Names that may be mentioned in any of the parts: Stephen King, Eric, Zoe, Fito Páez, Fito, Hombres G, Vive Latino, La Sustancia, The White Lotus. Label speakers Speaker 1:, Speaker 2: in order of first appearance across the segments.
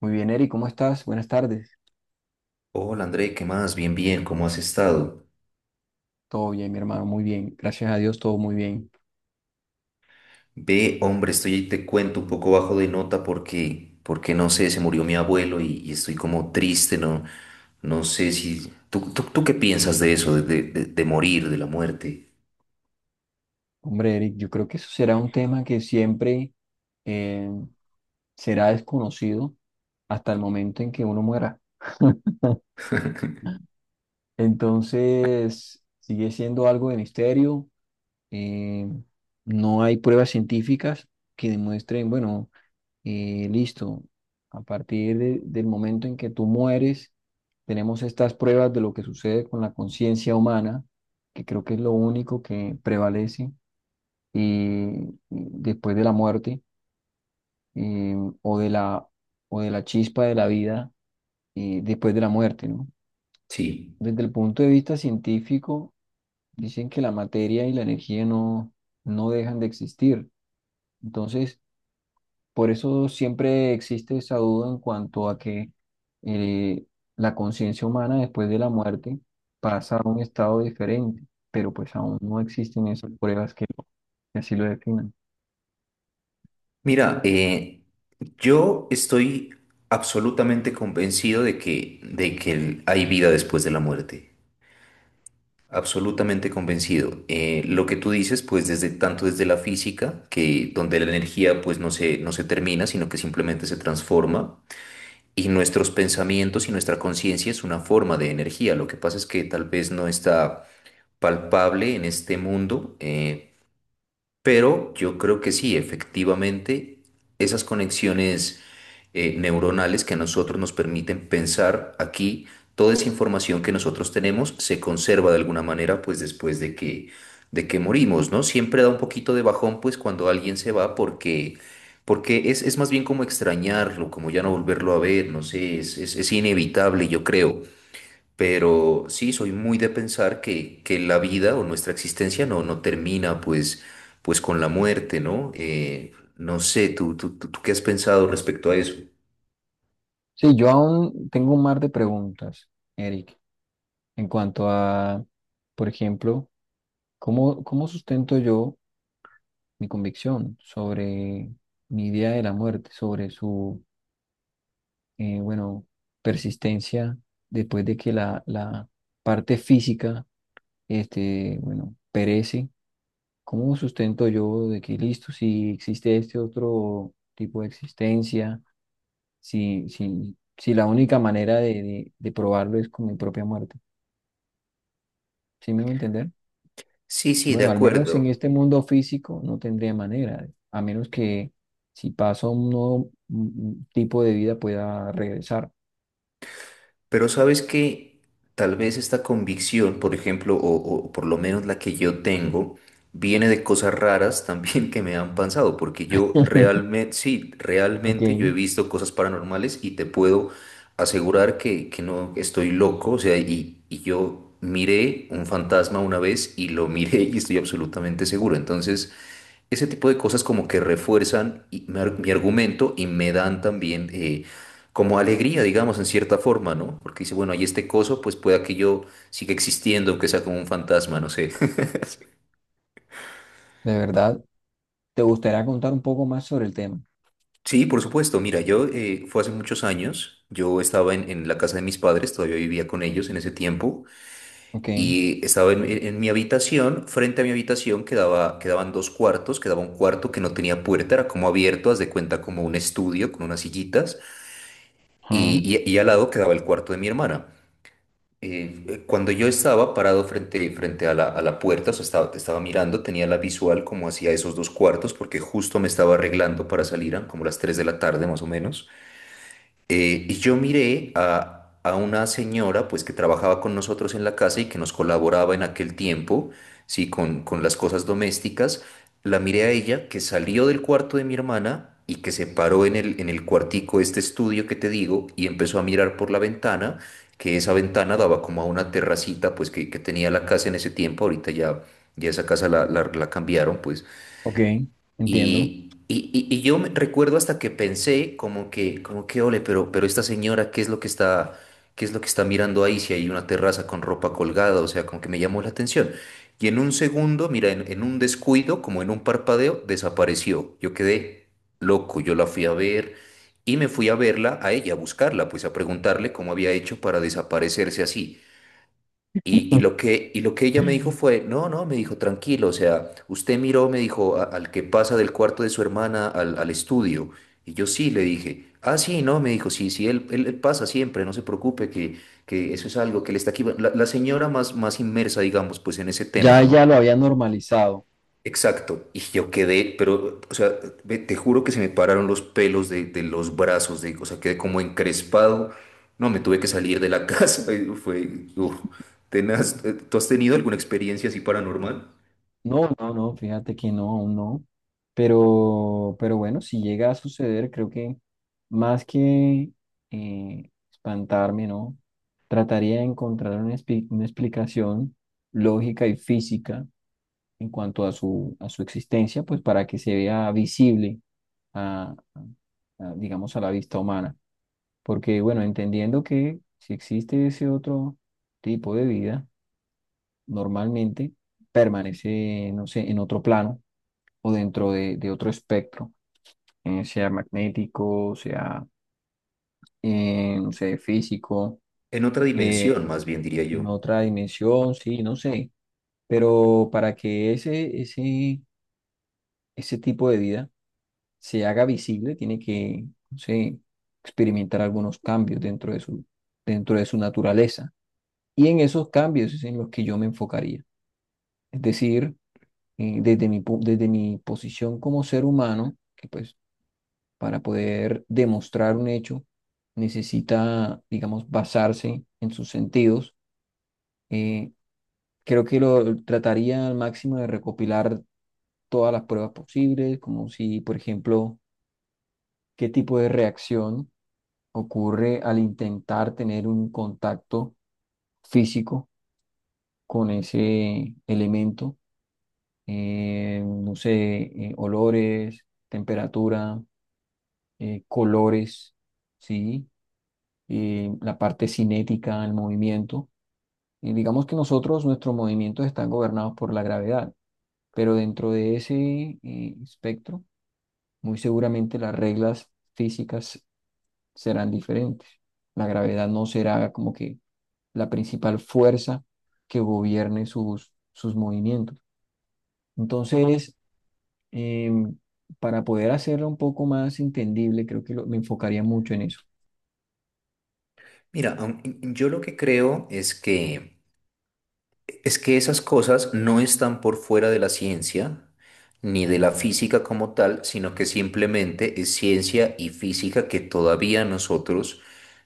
Speaker 1: Muy bien, Eric, ¿cómo estás? Buenas tardes.
Speaker 2: Hola André, ¿qué más? Bien, bien, ¿cómo has estado?
Speaker 1: Todo bien, mi hermano, muy bien. Gracias a Dios, todo muy bien.
Speaker 2: Ve, hombre, estoy ahí, te cuento un poco bajo de nota porque no sé, se murió mi abuelo y estoy como triste, no, no sé si ¿Tú qué piensas de eso, de morir, de la muerte?
Speaker 1: Hombre, Eric, yo creo que eso será un tema que siempre eh, será desconocido hasta el momento en que uno muera. Entonces, sigue siendo algo de misterio. eh, no hay pruebas científicas que demuestren, bueno, listo, a partir del momento en que tú mueres, tenemos estas pruebas de lo que sucede con la conciencia humana, que creo que es lo único que prevalece después de la muerte, eh, o de la, o de la chispa de la vida después de la muerte, ¿no?
Speaker 2: Sí.
Speaker 1: Desde el punto de vista científico, dicen que la materia y la energía no, no dejan de existir. Entonces, por eso siempre existe esa duda en cuanto a que eh, la conciencia humana después de la muerte pasa a un estado diferente, pero pues aún no existen esas pruebas que así lo definan.
Speaker 2: Mira, yo estoy absolutamente convencido de que hay vida después de la muerte. Absolutamente convencido. Lo que tú dices, pues desde tanto desde la física, que donde la energía pues no se termina, sino que simplemente se transforma, y nuestros pensamientos y nuestra conciencia es una forma de energía. Lo que pasa es que tal vez no está palpable en este mundo, pero yo creo que sí, efectivamente, esas conexiones neuronales que a nosotros nos permiten pensar aquí. Toda esa información que nosotros tenemos se conserva de alguna manera, pues después de que morimos, ¿no? Siempre da un poquito de bajón, pues cuando alguien se va, porque, porque es más bien como extrañarlo, como ya no volverlo a ver, no sé, es inevitable, yo creo. Pero sí, soy muy de pensar que la vida o nuestra existencia no termina, pues con la muerte, ¿no? No sé, ¿tú qué has pensado respecto a eso?
Speaker 1: Sí, yo aún tengo un mar de preguntas, Eric, en cuanto a, por ejemplo, ¿cómo, cómo sustento yo mi convicción sobre mi idea de la muerte, sobre su bueno, persistencia, después de que la parte física, este, bueno, perece, ¿cómo sustento yo de que listo, si existe este otro tipo de existencia, si, si la única manera de probarlo es con mi propia muerte? ¿Sí me voy a entender?
Speaker 2: Sí, sí, de
Speaker 1: Bueno, al menos en
Speaker 2: acuerdo.
Speaker 1: este mundo físico no tendría manera, a menos que si paso un nuevo tipo de vida pueda regresar.
Speaker 2: Pero sabes que tal vez esta convicción, por ejemplo, o por lo menos la que yo tengo, viene de cosas raras también que me han pasado, porque yo realmente, sí,
Speaker 1: Ok,
Speaker 2: realmente yo he
Speaker 1: de
Speaker 2: visto cosas paranormales y te puedo asegurar que no estoy loco, o sea, y yo miré un fantasma una vez y lo miré y estoy absolutamente seguro. Entonces ese tipo de cosas como que refuerzan mi argumento y me dan también como alegría, digamos, en cierta forma, ¿no? Porque dice, bueno, hay este coso, pues pueda que yo siga existiendo, aunque sea como un fantasma, no sé.
Speaker 1: verdad. ¿Te gustaría contar un poco más sobre el tema?
Speaker 2: Sí, por supuesto. Mira, yo fue hace muchos años. Yo estaba en la casa de mis padres, todavía vivía con ellos en ese tiempo,
Speaker 1: Ok,
Speaker 2: y estaba en, en mi habitación. Frente a mi habitación quedaban dos cuartos, quedaba un cuarto que no tenía puerta, era como abierto, haz de cuenta como un estudio con unas sillitas. Y,
Speaker 1: ajá,
Speaker 2: y- y al lado quedaba el cuarto de mi hermana. Cuando yo estaba parado frente a la puerta, o sea, estaba mirando, tenía la visual como hacia esos dos cuartos, porque justo me estaba arreglando para salir, eran como las 3 de la tarde más o menos. Y yo miré a una señora, pues, que trabajaba con nosotros en la casa y que nos colaboraba en aquel tiempo, sí, con las cosas domésticas. La miré a ella, que salió del cuarto de mi hermana y que se paró en en el cuartico, este estudio que te digo, y empezó a mirar por la ventana, que esa ventana daba como a una terracita, pues, que tenía la casa en ese tiempo. Ya esa casa la cambiaron, pues.
Speaker 1: ok, entiendo.
Speaker 2: Recuerdo hasta que pensé ole, pero esta señora, ¿qué es lo que está, qué es lo que está mirando ahí si hay una terraza con ropa colgada? O sea, como que me llamó la atención. Y en un segundo, mira, en un descuido, como en un parpadeo, desapareció. Yo quedé loco, yo la fui a ver y me fui a verla, a ella, a buscarla, pues a preguntarle cómo había hecho para desaparecerse así. Y lo que ella me dijo fue, no, no, me dijo, tranquilo, o sea, usted miró, me dijo, al que pasa del cuarto de su hermana al estudio. Y yo sí, le dije, ah, sí, no, me dijo, sí, sí, él pasa siempre, no se preocupe, que eso es algo que le está aquí. Bueno, la señora más inmersa, digamos, pues en ese tema,
Speaker 1: Ya, ya
Speaker 2: ¿no?
Speaker 1: lo había normalizado.
Speaker 2: Exacto, y yo quedé, pero, o sea, te juro que se me pararon los pelos de los brazos, o sea, quedé como encrespado, no, me tuve que salir de la casa, y fue, uf, tenaz. ¿Tú has tenido alguna experiencia así paranormal?
Speaker 1: No, no, no, fíjate que no, aún no. Pero bueno, si llega a suceder, creo que más que espantarme, ¿no? Trataría de encontrar una, una explicación lógica y física en cuanto a su existencia, pues para que se vea visible a, a, digamos, a la vista humana. Porque, bueno, entendiendo que si existe ese otro tipo de vida, normalmente permanece, no sé, en otro plano o dentro de otro espectro, sea magnético, sea, no sé, físico,
Speaker 2: En otra
Speaker 1: eh,
Speaker 2: dimensión, más bien, diría
Speaker 1: en
Speaker 2: yo.
Speaker 1: otra dimensión, sí, no sé. Pero para que ese tipo de vida se haga visible, tiene que, no sé, experimentar algunos cambios dentro de su naturaleza. Y en esos cambios es en los que yo me enfocaría. Es decir, desde mi, desde mi posición como ser humano, que pues para poder demostrar un hecho necesita, digamos, basarse en sus sentidos, eh, creo que lo trataría al máximo de recopilar todas las pruebas posibles, como si, por ejemplo, qué tipo de reacción ocurre al intentar tener un contacto físico con ese elemento, no sé, olores, temperatura, colores, ¿sí? La parte cinética, el movimiento. Y digamos que nosotros, nuestros movimientos están gobernados por la gravedad, pero dentro de ese espectro, muy seguramente las reglas físicas serán diferentes. La gravedad no será como que la principal fuerza que gobierne sus, sus movimientos. Entonces, eh, para poder hacerlo un poco más entendible, creo que me enfocaría mucho en eso.
Speaker 2: Mira, yo lo que creo es es que esas cosas no están por fuera de la ciencia, ni de la física como tal, sino que simplemente es ciencia y física que todavía nosotros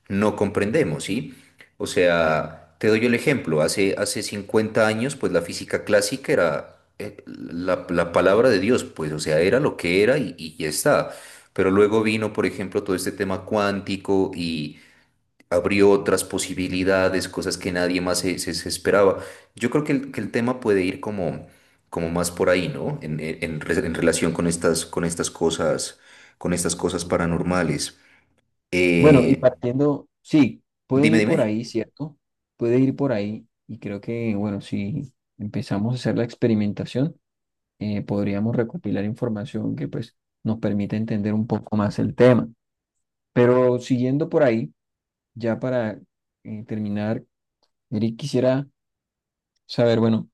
Speaker 2: no comprendemos, ¿sí? O sea, te doy el ejemplo, hace 50 años, pues la física clásica era la palabra de Dios, pues, o sea, era lo que era y ya está. Pero luego vino, por ejemplo, todo este tema cuántico y abrió otras posibilidades, cosas que nadie más se esperaba. Yo creo que el tema puede ir como más por ahí, ¿no? En relación con con estas cosas, con estas cosas paranormales.
Speaker 1: Bueno, y
Speaker 2: Eh,
Speaker 1: partiendo, sí, puede
Speaker 2: dime,
Speaker 1: ir por
Speaker 2: dime.
Speaker 1: ahí, ¿cierto? Puede ir por ahí. Y creo que, bueno, si empezamos a hacer la experimentación, podríamos recopilar información que pues nos permita entender un poco más el tema. Pero siguiendo por ahí, ya para terminar, Eric, quisiera saber, bueno,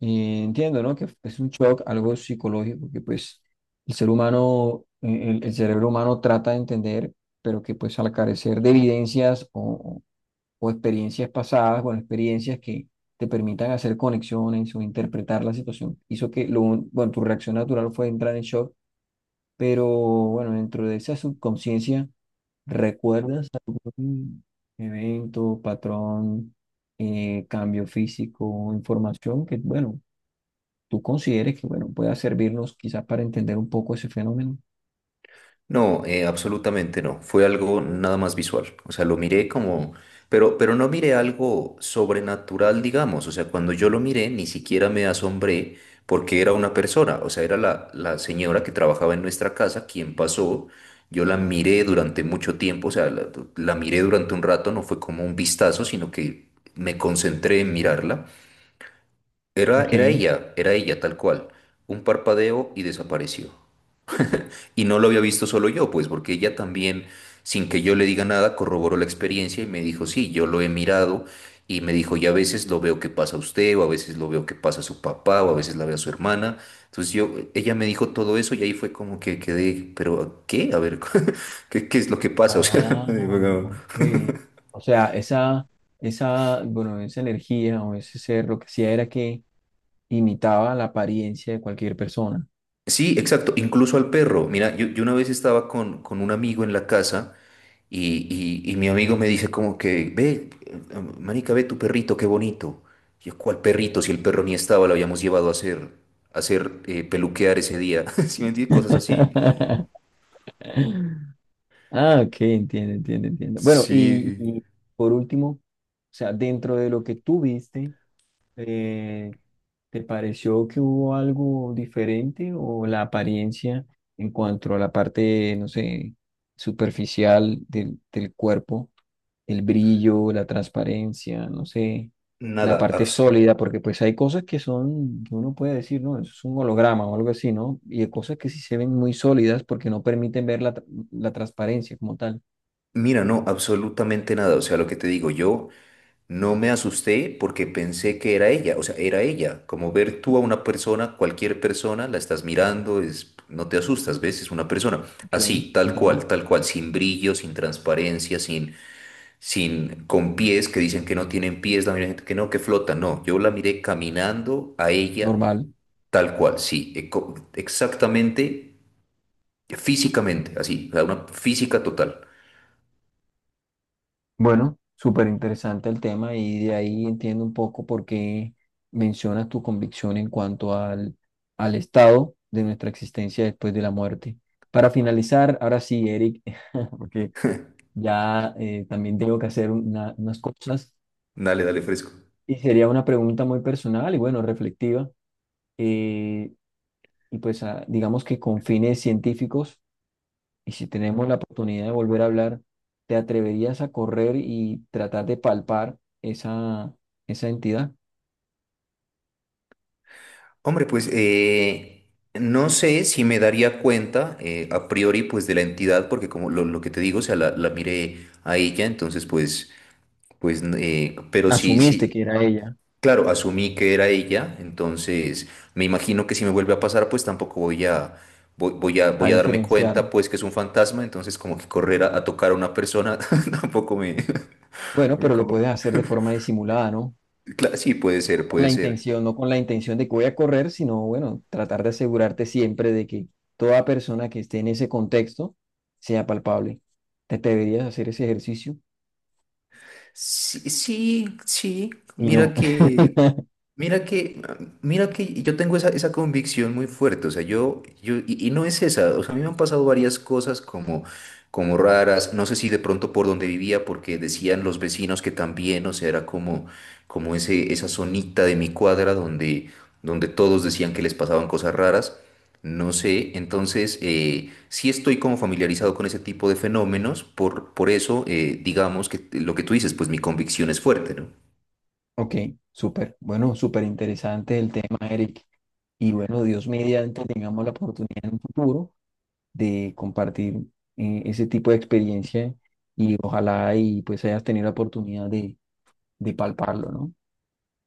Speaker 1: entiendo, ¿no? Que es un shock, algo psicológico, que pues el ser humano, el cerebro humano trata de entender, pero que pues al carecer de evidencias o experiencias pasadas, bueno, experiencias que te permitan hacer conexiones o interpretar la situación, hizo que, lo, bueno, tu reacción natural fue entrar en shock, pero bueno, dentro de esa subconsciencia, ¿recuerdas algún evento, patrón, cambio físico, información que, bueno, tú consideres que, bueno, pueda servirnos quizás para entender un poco ese fenómeno?
Speaker 2: No, absolutamente no. Fue algo nada más visual. O sea, lo miré como, pero no miré algo sobrenatural, digamos. O sea, cuando yo lo miré, ni siquiera me asombré porque era una persona. O sea, era la señora que trabajaba en nuestra casa quien pasó. Yo la miré durante mucho tiempo. La miré durante un rato. No fue como un vistazo, sino que me concentré en mirarla.
Speaker 1: Ok.
Speaker 2: Era ella tal cual. Un parpadeo y desapareció. Y no lo había visto solo yo, pues porque ella también, sin que yo le diga nada, corroboró la experiencia y me dijo, sí, yo lo he mirado y me dijo, y a veces lo veo que pasa a usted, o a veces lo veo que pasa a su papá, o a veces la ve a su hermana. Entonces yo, ella me dijo todo eso y ahí fue como que quedé, pero ¿qué? A ver, ¿qué, qué es lo que pasa? O sea,
Speaker 1: Ah,
Speaker 2: digo, "No".
Speaker 1: ok. O sea, esa, bueno, esa energía o ese ser lo que hacía era que imitaba la apariencia de cualquier persona.
Speaker 2: Sí, exacto, incluso al perro. Mira, yo una vez estaba con un amigo en la casa. Y mi amigo me dice como que, ve, marica, ve tu perrito, qué bonito. Y yo, ¿cuál perrito? Si el perro ni estaba, lo habíamos llevado a hacer peluquear ese día. Si me entiendes? Cosas así.
Speaker 1: Ah, ok, entiendo, entiendo, entiendo. Bueno,
Speaker 2: Sí.
Speaker 1: y por último, o sea, dentro de lo que tú viste, eh, ¿te pareció que hubo algo diferente o la apariencia en cuanto a la parte, no sé, superficial del, del cuerpo, el brillo, la transparencia, no sé? La
Speaker 2: Nada,
Speaker 1: parte
Speaker 2: abs-
Speaker 1: sólida, porque pues hay cosas que son, que uno puede decir, ¿no? Eso es un holograma o algo así, ¿no? Y hay cosas que sí se ven muy sólidas porque no permiten ver la, la transparencia como tal.
Speaker 2: mira, no, absolutamente nada. O sea, lo que te digo, yo no me asusté porque pensé que era ella. O sea, era ella. Como ver tú a una persona, cualquier persona, la estás mirando, es, no te asustas, ¿ves? Es una persona.
Speaker 1: Que
Speaker 2: Así,
Speaker 1: entiendo.
Speaker 2: tal cual, sin brillo, sin transparencia, sin con pies que dicen que no tienen pies, la gente que no, que flotan. No, yo la miré caminando a ella
Speaker 1: Normal.
Speaker 2: tal cual, sí, exactamente, físicamente, así, o sea, una física total.
Speaker 1: Bueno, súper interesante el tema y de ahí entiendo un poco por qué mencionas tu convicción en cuanto al, al estado de nuestra existencia después de la muerte. Para finalizar, ahora sí, Eric, porque ya también tengo que hacer unas cosas.
Speaker 2: Dale, dale, fresco.
Speaker 1: Y sería una pregunta muy personal y bueno, reflectiva. eh, y pues ah, digamos que con fines científicos, y si tenemos la oportunidad de volver a hablar, ¿te atreverías a correr y tratar de palpar esa, esa entidad?
Speaker 2: Hombre, pues no sé si me daría cuenta a priori pues de la entidad, porque como lo que te digo, o sea, la miré a ella, entonces pues, pero sí,
Speaker 1: Asumiste
Speaker 2: sí.
Speaker 1: que era ella,
Speaker 2: Claro, asumí que era ella, entonces me imagino que si me vuelve a pasar, pues tampoco voy,
Speaker 1: a
Speaker 2: voy a darme
Speaker 1: diferenciar.
Speaker 2: cuenta, pues que es un fantasma, entonces como que correr a tocar a una persona tampoco me,
Speaker 1: Bueno,
Speaker 2: me
Speaker 1: pero lo
Speaker 2: como-
Speaker 1: puedes hacer de forma disimulada, ¿no?
Speaker 2: Sí, puede
Speaker 1: No
Speaker 2: ser,
Speaker 1: con la
Speaker 2: puede ser.
Speaker 1: intención, no con la intención de que voy a correr, sino bueno, tratar de asegurarte siempre de que toda persona que esté en ese contexto sea palpable. ¿Te atreverías a hacer ese ejercicio?
Speaker 2: Sí, sí, sí,
Speaker 1: Y no.
Speaker 2: mira que, mira que, mira que yo tengo esa, esa convicción muy fuerte, o sea, y no es esa, o sea, a mí me han pasado varias cosas como, como raras, no sé si de pronto por donde vivía, porque decían los vecinos que también, o sea, era como ese, esa zonita de mi cuadra donde, donde todos decían que les pasaban cosas raras, no sé, entonces sí estoy como familiarizado con ese tipo de fenómenos, por eso, digamos que lo que tú dices, pues mi convicción es fuerte, ¿no?
Speaker 1: Ok, súper. Bueno, súper interesante el tema, Eric. Y bueno, Dios mediante, tengamos la oportunidad en un futuro de compartir ese tipo de experiencia y ojalá y pues hayas tenido la oportunidad de palparlo, ¿no?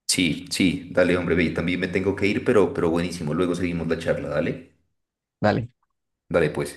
Speaker 2: Sí, sí, dale, hombre, ve, también me tengo que ir, pero buenísimo. Luego seguimos la charla, dale.
Speaker 1: Dale.
Speaker 2: Dale, pues.